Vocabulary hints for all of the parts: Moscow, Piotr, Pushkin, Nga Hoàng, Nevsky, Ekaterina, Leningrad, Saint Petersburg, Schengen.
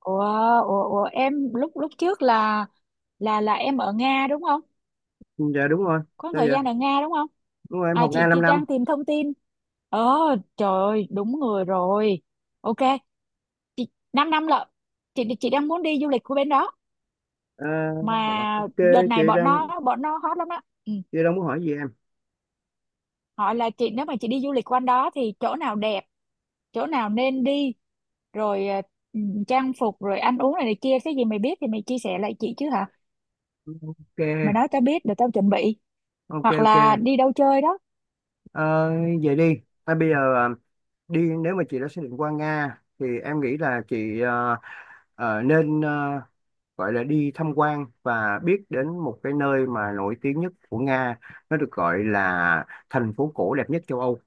Ủa, ủa, em lúc lúc trước là em ở Nga đúng không? Ừ, dạ đúng rồi. Có một Sao thời vậy? gian ở Nga đúng không? Đúng rồi, em À, học Nga chị thì 5 năm. đang tìm thông tin. Ờ trời ơi, đúng người rồi. Ok, chị 5 năm lận. Chị đang muốn đi du lịch của bên đó, Ờ, mà ok, đợt chị này bọn đang nó bọn nó hot lắm á. Ừ. chị đang muốn hỏi gì em? Hỏi là chị nếu mà chị đi du lịch quanh đó thì chỗ nào đẹp, chỗ nào nên đi, rồi ừ, trang phục rồi ăn uống này, này kia cái gì mày biết thì mày chia sẻ lại chị chứ hả? Mày Ok, nói tao biết để tao chuẩn bị. ok, Hoặc ok. là đi đâu chơi đó. Ờ, Vậy đi à, bây giờ đi, nếu mà chị đã xác định qua Nga thì em nghĩ là chị nên gọi là đi tham quan và biết đến một cái nơi mà nổi tiếng nhất của Nga, nó được gọi là thành phố cổ đẹp nhất châu Âu.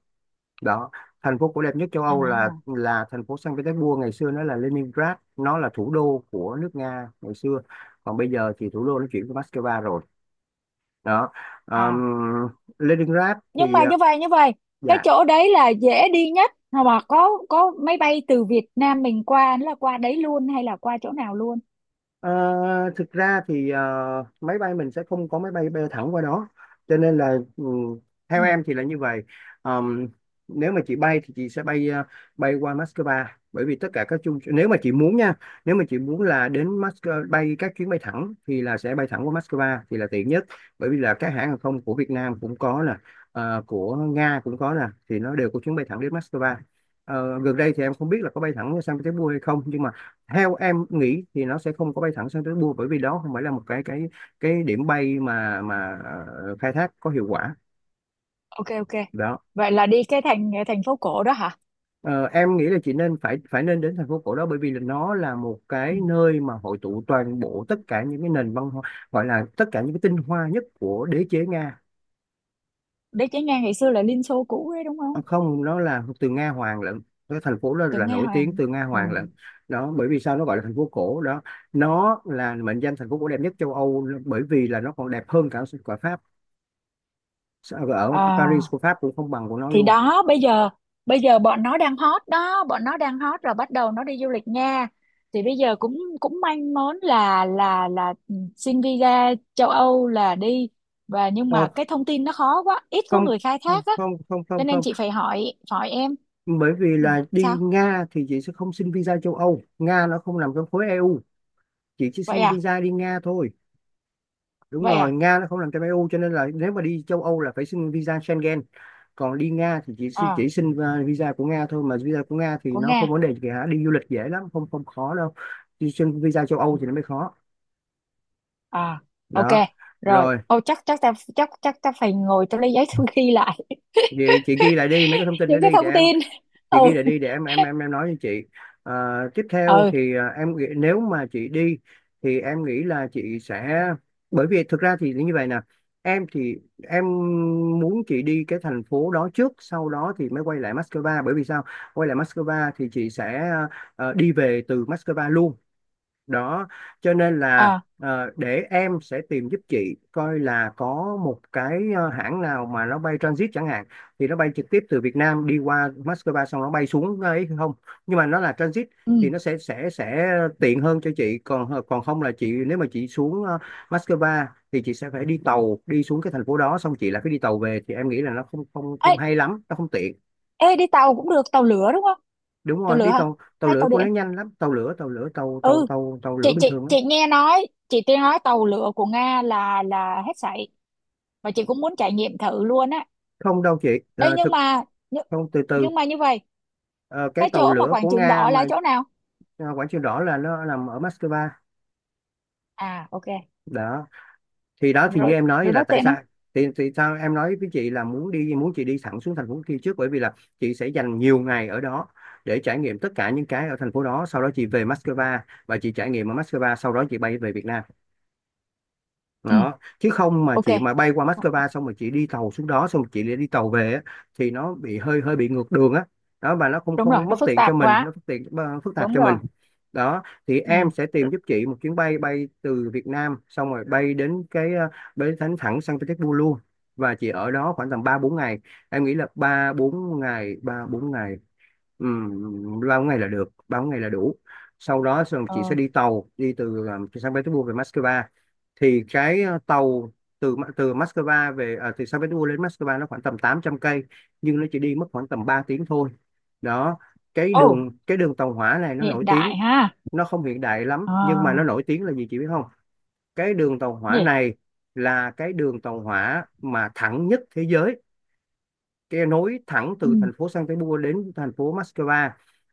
Đó. Thành phố cổ đẹp nhất châu Âu là à là thành phố Saint Petersburg, ngày xưa nó là Leningrad, nó là thủ đô của nước Nga ngày xưa, còn bây giờ thì thủ đô nó chuyển qua Moscow rồi. Đó. à Ờm, Leningrad nhưng thì, mà như vậy, cái dạ. chỗ đấy là dễ đi nhất, mà có máy bay từ Việt Nam mình qua nó là qua đấy luôn hay là qua chỗ nào luôn? Ờ, Thực ra thì máy bay mình sẽ không có máy bay bay thẳng qua đó, cho nên là theo Ừ. em thì là như vậy. Ờm, Nếu mà chị bay thì chị sẽ bay qua Moscow, bởi vì tất cả các chung, nếu mà chị muốn nha, nếu mà chị muốn là đến Moscow bay các chuyến bay thẳng thì là sẽ bay thẳng qua Moscow thì là tiện nhất. Bởi vì là các hãng hàng không của Việt Nam cũng có nè, của Nga cũng có nè, thì nó đều có chuyến bay thẳng đến Moscow. Gần đây thì em không biết là có bay thẳng sang Petersburg hay không, nhưng mà theo em nghĩ thì nó sẽ không có bay thẳng sang tới Bua, bởi vì đó không phải là một cái điểm bay mà khai thác có hiệu quả. Ok, ok. Đó. Vậy là đi cái thành thành phố cổ đó hả? Ờ, em nghĩ là chị nên phải phải nên đến thành phố cổ đó, bởi vì là nó là một Ừ. cái nơi mà hội tụ toàn bộ tất cả những cái nền văn hóa, gọi là tất cả những cái tinh hoa nhất của đế chế Nga. Đấy chỉ nghe ngày xưa là Liên Xô cũ đấy đúng Ờ, không? Không, nó là từ Nga Hoàng lận, cái thành phố đó Từ là Nga nổi tiếng Hoàng. từ Nga Ừ. Hoàng lận. Đó, bởi vì sao nó gọi là thành phố cổ đó, nó là mệnh danh thành phố cổ đẹp nhất châu Âu, bởi vì là nó còn đẹp hơn cả cả Pháp, ở Paris À. của Pháp cũng không bằng của nó Thì luôn. đó, bây giờ bọn nó đang hot đó, bọn nó đang hot rồi bắt đầu nó đi du lịch nha. Thì bây giờ cũng cũng manh mốn là xin visa châu Âu là đi. Và nhưng mà ờ, cái thông tin nó khó quá, ít có Không, người khai không, thác á. không, không, Cho không, nên không. chị phải hỏi hỏi em. Bởi vì Ừ, là đi sao Nga thì chị sẽ không xin visa châu Âu, Nga nó không nằm trong khối EU, chị chỉ vậy? xin À, visa đi Nga thôi. Đúng vậy rồi, à. Nga nó không nằm trong EU cho nên là nếu mà đi châu Âu là phải xin visa Schengen, còn đi Nga thì chị À. chỉ xin visa của Nga thôi, mà visa của Nga thì Của nó Nga. không vấn đề gì cả, đi du lịch dễ lắm, không, không khó đâu. Đi xin visa châu Âu Ừ. thì nó mới khó. À. Ok. Đó. Rồi, Rồi, ô chắc chắc ta phải ngồi, tao lấy giấy tao ghi lại. vậy chị ghi lại đi mấy cái thông tin đó Những cái đi để thông em. tin. Chị Ừ. ghi lại đi để em nói cho chị. Ờ, Tiếp theo Ừ. thì em nghĩ nếu mà chị đi thì em nghĩ là chị sẽ, bởi vì thực ra thì như vậy nè, em thì em muốn chị đi cái thành phố đó trước sau đó thì mới quay lại Moscow. Bởi vì sao? Quay lại Moscow thì chị sẽ đi về từ Moscow luôn. Đó, cho nên là À. Để em sẽ tìm giúp chị coi là có một cái hãng nào mà nó bay transit chẳng hạn, thì nó bay trực tiếp từ Việt Nam đi qua Moscow xong nó bay xuống ấy không, nhưng mà nó là transit, Ừ. thì nó sẽ tiện hơn cho chị. Còn không là chị, nếu mà chị xuống Moscow thì chị sẽ phải đi tàu đi xuống cái thành phố đó xong chị lại phải đi tàu về, thì em nghĩ là nó không không Ê, không hay lắm, nó không tiện. ê, đi tàu cũng được, tàu lửa đúng không? Đúng Tàu rồi, lửa đi hả? tàu, tàu Hay lửa tàu của nó điện? nhanh lắm, tàu lửa tàu lửa tàu tàu Ừ. tàu tàu chị lửa bình chị thường lắm. chị nghe nói chị nghe nói tàu lửa của Nga là hết sảy, và chị cũng muốn trải nghiệm thử luôn á. Không đâu chị. Ờ, Ê, nhưng mà. nhưng, Không, từ từ. nhưng mà như vậy, Ờ, cái cái tàu chỗ mà lửa Quảng của Trường Nga Đỏ là mà. chỗ nào? Quảng Trường Đỏ là nó nằm ở Moscow. À, ok. Đó. Thì đó, thì như Rồi. em nói Rồi là đó, tại tiện không? sao, thì sao em nói với chị là muốn chị đi thẳng xuống thành phố kia trước, bởi vì là chị sẽ dành nhiều ngày ở đó để trải nghiệm tất cả những cái ở thành phố đó, sau đó chị về Moscow và chị trải nghiệm ở Moscow, sau đó chị bay về Việt Nam. Ừ. Đó, chứ không mà Ok. chị mà bay qua Moscow xong rồi chị đi tàu xuống đó xong rồi chị lại đi tàu về á, thì nó bị hơi hơi bị ngược đường á. Đó, và nó không Đúng rồi, không nó mất phức tiện cho tạp mình, quá. nó phức tiện, phức tạp Đúng cho rồi. mình. Đó, thì em Ừ. sẽ tìm giúp chị một chuyến bay bay từ Việt Nam xong rồi bay đến cái, bay thẳng thẳng San Petersburg luôn. Và chị ở đó khoảng tầm 3 4 ngày, em nghĩ là 3 4 ngày, 3 4 ngày. Ừ, bao ngày là được, bao ngày là đủ. Sau đó xong chị sẽ Ờ. đi tàu đi từ từ San Petersburg về Moscow. Thì cái tàu từ từ Moscow về, từ Saint Petersburg đến Moscow nó khoảng tầm 800 cây, nhưng nó chỉ đi mất khoảng tầm 3 tiếng thôi. Đó, Ồ. Cái đường tàu hỏa này nó nổi Hiện tiếng, đại ha. nó không hiện đại lắm, nhưng mà nó À. nổi tiếng là gì chị biết không? Cái đường tàu hỏa Gì? này là cái đường tàu hỏa mà thẳng nhất thế giới, cái nối thẳng Ừ. từ thành phố Saint Petersburg đến thành phố Moscow.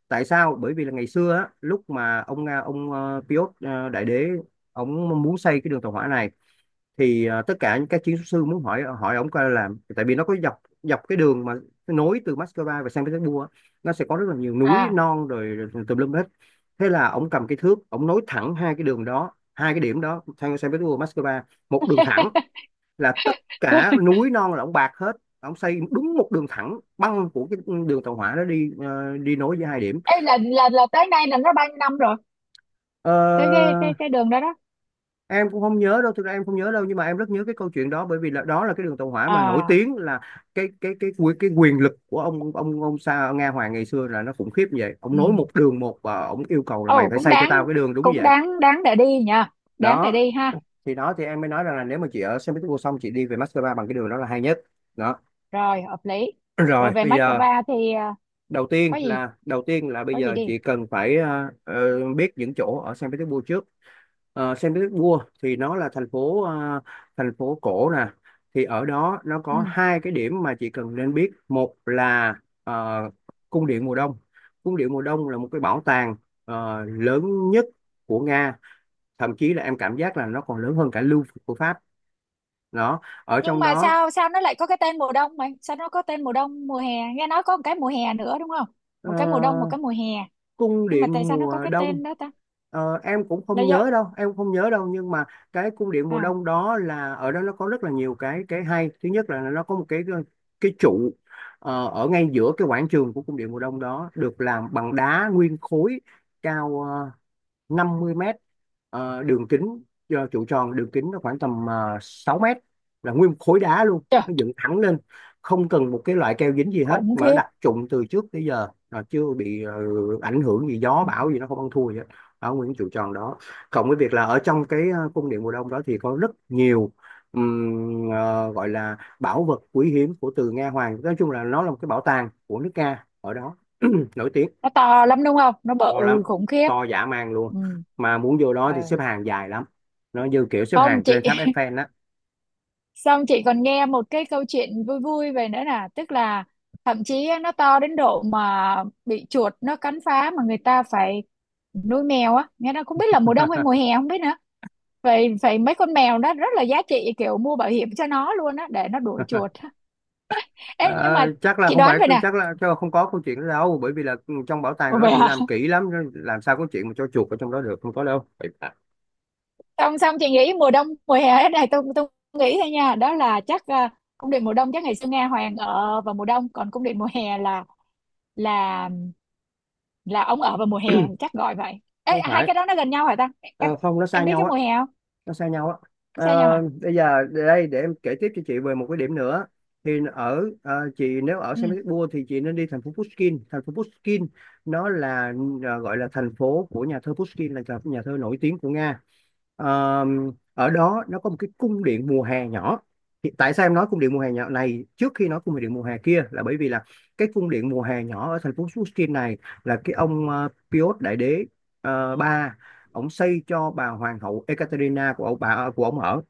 Tại sao? Bởi vì là ngày xưa á, lúc mà ông Piotr Đại Đế, ông muốn xây cái đường tàu hỏa này, thì tất cả những các chiến sư muốn hỏi hỏi ông coi làm, tại vì nó có dọc dọc cái đường mà nối từ Moscow và Saint Petersburg, nó sẽ có rất là nhiều núi À. non rồi tùm lum hết. Thế là ông cầm cái thước ông nối thẳng hai cái đường đó, hai cái điểm đó Saint Petersburg Moscow, một đường thẳng, là tất cả núi non là ông bạc hết. Ông xây đúng một đường thẳng băng của cái đường tàu hỏa đó đi nối với hai điểm. Ê, là tới nay là nó bao nhiêu năm rồi, Ờ, cái đường đó đó? em cũng không nhớ đâu, thực ra em không nhớ đâu, nhưng mà em rất nhớ cái câu chuyện đó, bởi vì là đó là cái đường tàu hỏa mà nổi À. tiếng là cái quyền lực của ông Sa Nga Hoàng ngày xưa là nó khủng khiếp như vậy, ông nối Ừ. một đường và ông yêu cầu là mày Ồ, phải cũng xây cho tao đáng. cái đường đúng Cũng vậy. đáng đáng để đi nha. Đáng để đó đi ha. thì đó thì em mới nói rằng là nếu mà chị ở Saint Petersburg xong chị đi về Moscow bằng cái đường đó là hay nhất. Đó. Rồi, hợp lý. Rồi Rồi về bây giờ, Moscow thì có gì, đầu tiên là bây có gì giờ đi. chị cần phải biết những chỗ ở Saint Petersburg trước. Saint Petersburg thì nó là thành phố cổ nè, thì ở đó nó Ừ. có hai cái điểm mà chị cần nên biết, một là ờ, cung điện mùa đông. Cung điện mùa đông là một cái bảo tàng lớn nhất của Nga, thậm chí là em cảm giác là nó còn lớn hơn cả Louvre của Pháp. Đó, ở Nhưng trong mà đó, sao sao nó lại có cái tên mùa đông mày, sao nó có tên mùa đông mùa hè? Nghe nói có một cái mùa hè nữa đúng không? ờ, Một cái mùa đông, một cái mùa hè. cung Nhưng mà tại điện sao nó có mùa cái đông. tên đó ta? Em cũng Là không do. nhớ đâu, em không nhớ đâu, nhưng mà cái cung điện mùa À, đông đó là ở đó nó có rất là nhiều cái hay, thứ nhất là nó có một cái trụ ở ngay giữa cái quảng trường của cung điện mùa đông đó, được làm bằng đá nguyên khối, cao 50 mét, đường kính, trụ tròn đường kính nó khoảng tầm 6 mét, là nguyên một khối đá luôn trời nó dựng thẳng lên, không cần một cái loại keo dính gì hết, khủng mà nó khiếp. đặt trụng từ trước tới giờ là chưa bị ảnh hưởng gì, gió bão gì nó không ăn thua gì hết, ở nguyên trụ tròn đó, cộng với việc là ở trong cái cung điện mùa đông đó thì có rất nhiều, gọi là bảo vật quý hiếm của từ Nga Hoàng, nói chung là nó là một cái bảo tàng của nước Nga ở đó nổi tiếng. Nó to lắm đúng không, nó To lắm, bự khủng khiếp. to dã man luôn, Ừ. mà muốn vô đó Ừ. thì xếp hàng dài lắm, nó như kiểu xếp Không hàng chị. lên tháp Eiffel đó. Xong chị còn nghe một cái câu chuyện vui vui về nữa, là tức là thậm chí á, nó to đến độ mà bị chuột nó cắn phá mà người ta phải nuôi mèo á, nghe nó không biết là mùa đông hay mùa hè không biết nữa. Vậy vậy mấy con mèo đó rất là giá trị, kiểu mua bảo hiểm cho nó luôn á, để nó đuổi chuột. Ờ, Ê, nhưng mà Chắc là chị không đoán phải, vậy nè. Chắc là không có câu chuyện đó đâu, bởi vì là trong bảo tàng Ồ nó vậy thì hả? làm kỹ lắm, làm sao có chuyện mà cho chuột ở trong đó được, không có đâu. Xong xong chị nghĩ mùa đông mùa hè thế này, tôi nghĩ thôi nha, đó là chắc cung điện mùa đông chắc ngày xưa Nga Hoàng ở vào mùa đông, còn cung điện mùa hè là là ông ở vào mùa hè, chắc gọi vậy. Ê, Không hai phải. cái đó nó gần nhau hả ta? em Ờ, không, nó xa em biết cái nhau á, mùa hè không? nó xa nhau á. Nó Ờ, xa nhau hả? Bây giờ để đây, để em kể tiếp cho chị về một cái điểm nữa. Thì ở chị nếu ở Ừ. Saint Petersburg thì chị nên đi thành phố Pushkin. Thành phố Pushkin nó là gọi là thành phố của nhà thơ Pushkin, là nhà nhà thơ nổi tiếng của Nga. Ờ, Ở đó nó có một cái cung điện mùa hè nhỏ. Thì tại sao em nói cung điện mùa hè nhỏ này trước khi nói cung điện mùa hè kia, là bởi vì là cái cung điện mùa hè nhỏ ở thành phố Pushkin này là cái ông Piotr Đại Đế. Ba Ổng xây cho bà hoàng hậu Ekaterina của ông bà của ổng ở,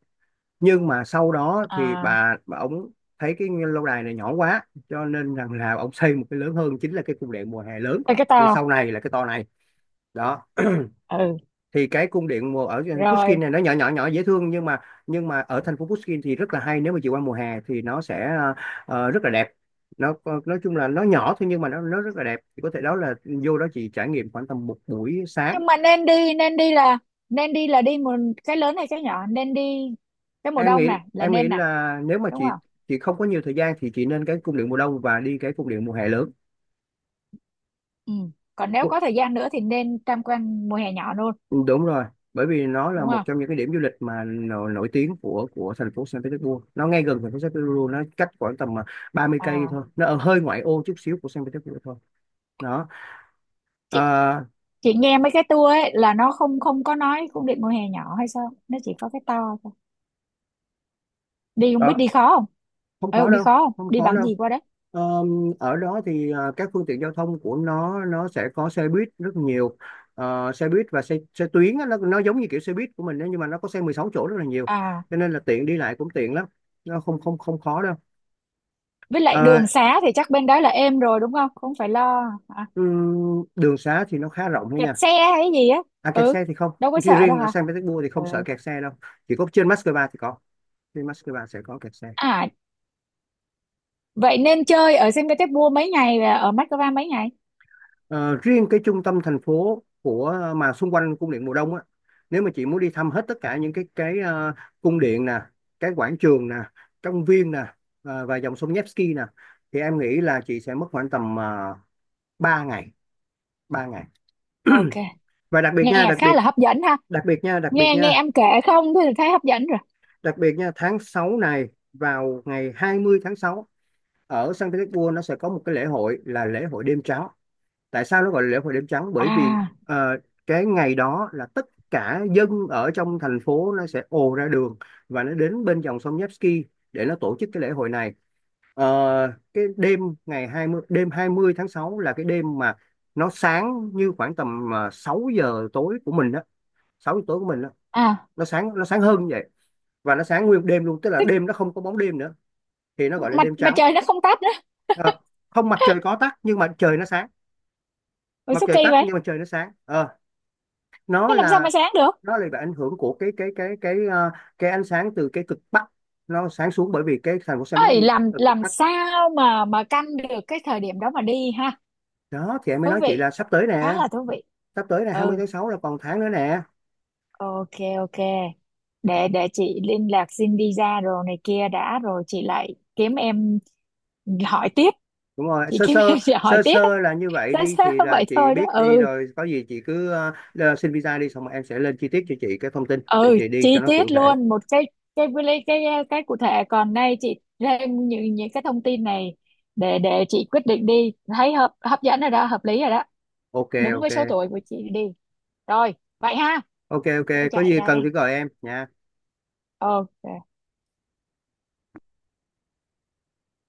nhưng mà sau đó thì À. bà ổng thấy cái lâu đài này nhỏ quá cho nên rằng là ổng xây một cái lớn hơn, chính là cái cung điện mùa hè lớn Ê, cái to. về sau này, là cái to này đó. Ừ. Thì cái cung điện mùa ở Pushkin Rồi. này nó nhỏ nhỏ nhỏ dễ thương, nhưng mà ở thành phố Pushkin thì rất là hay, nếu mà chị qua mùa hè thì nó sẽ rất là đẹp. Nó nói chung là nó nhỏ thôi, nhưng mà nó rất là đẹp. Thì có thể đó là vô đó chị trải nghiệm khoảng tầm một buổi sáng. Nhưng mà nên đi là nên đi, là đi mùa, cái lớn hay cái nhỏ nên đi, cái mùa em đông nghĩ nè là em nghĩ nên nè, là nếu mà đúng chị không? chị không có nhiều thời gian thì chị nên cái cung điện mùa đông và đi cái cung điện mùa hè lớn. Ừ. Còn nếu Cu- có thời gian nữa thì nên tham quan mùa hè nhỏ luôn, Đúng rồi, bởi vì nó là đúng một không? trong những cái điểm du lịch mà nổi tiếng của thành phố Saint Petersburg. Nó ngay gần thành phố Saint Petersburg, nó cách khoảng tầm 30 cây À, thôi, nó ở hơi ngoại ô chút xíu của Saint Petersburg thôi đó. chị à, chị nghe mấy cái tour ấy là nó không không có nói cung điện mùa hè nhỏ hay sao, nó chỉ có cái to thôi. Đi không biết Đó, đi khó không? không Ừ, khó đi đâu, khó không, không đi khó bằng đâu. gì qua đó? Ờ, Ở đó thì các phương tiện giao thông của nó sẽ có xe buýt rất nhiều. Ờ, xe buýt và xe xe tuyến á, nó giống như kiểu xe buýt của mình đấy, nhưng mà nó có xe 16 chỗ rất là nhiều, À. cho nên là tiện, đi lại cũng tiện lắm, nó không không không khó đâu. Với lại Ờ, đường xá thì chắc bên đó là êm rồi đúng không, không phải lo. À, Đường xá thì nó khá rộng thôi kẹt nha. xe hay gì á? À, kẹt Ừ. xe thì không. Đâu có Chỉ sợ đâu riêng ở hả? Saint Petersburg thì Ừ. không sợ kẹt xe đâu, chỉ có trên Moscow thì có, trên Moscow sẽ có kẹt xe. À. Vậy nên chơi ở Saint Petersburg mấy ngày và ở Moscow mấy ngày? Ờ, Riêng cái trung tâm thành phố của mà xung quanh cung điện mùa đông á, nếu mà chị muốn đi thăm hết tất cả những cái cung điện nè, cái quảng trường nè, công viên nè, và dòng sông Nevsky nè, thì em nghĩ là chị sẽ mất khoảng tầm 3 ngày, ba ngày. Ok, Và đặc biệt nha, nghe đặc khá biệt, là hấp dẫn ha. đặc biệt nha, đặc biệt Nghe nghe nha, em kể không thì thấy hấp dẫn rồi. đặc biệt nha, tháng 6 này, vào ngày 20 tháng 6, ở Saint Petersburg nó sẽ có một cái lễ hội, là lễ hội đêm trắng. Tại sao nó gọi là lễ hội đêm trắng? Bởi vì À. ờ, cái ngày đó là tất cả dân ở trong thành phố nó sẽ ồ ra đường và nó đến bên dòng sông Nevsky để nó tổ chức cái lễ hội này. Ờ, cái đêm, ngày 20, đêm 20 tháng 6 là cái đêm mà nó sáng như khoảng tầm 6 giờ tối của mình đó, 6 giờ tối của mình đó. À. Nó sáng nó sáng hơn như vậy, và nó sáng nguyên đêm luôn, tức là đêm nó không có bóng đêm nữa, thì nó gọi là mặt đêm mặt trắng. trời nó không tắt nữa? Ờ, không, mặt trời có tắt nhưng mà trời nó sáng, Ôi mặt số trời kỳ tắt vậy. nhưng mà trời nó sáng. Ờ, Thế nó làm sao là mà sáng được? nó là bị ảnh hưởng của cái cái cái ánh sáng từ cái cực bắc, nó sáng xuống, bởi vì cái thành phố San Ấy, Francisco là làm từ cực làm bắc sao mà canh được cái thời điểm đó mà đi ha? đó. Thì em mới Thú nói chị vị, là sắp tới khá nè, là thú vị. sắp tới là hai mươi Ừ. tháng sáu là còn tháng nữa nè. Ok. Ok. Để chị liên lạc xin visa rồi này kia đã, rồi chị lại kiếm em hỏi tiếp. Đúng rồi, Chị sơ kiếm sơ, em, chị hỏi sơ tiếp. sơ là như vậy. sao Đi sao thì là vậy chị thôi đó. biết đi Ừ. rồi, có gì chị cứ xin visa đi xong rồi em sẽ lên chi tiết cho chị cái thông tin để Ừ, chị đi cho chi nó cụ tiết thể. luôn một cái, cái cái cái cái cụ thể, còn nay chị thêm những cái thông tin này, để chị quyết định đi, thấy hấp dẫn rồi đó, hợp lý rồi đó. Ok, Đúng ok. với số tuổi của chị đi. Rồi, vậy ha. Ok, ok, Tôi có chạy gì cần đây. thì gọi em nha. Ok.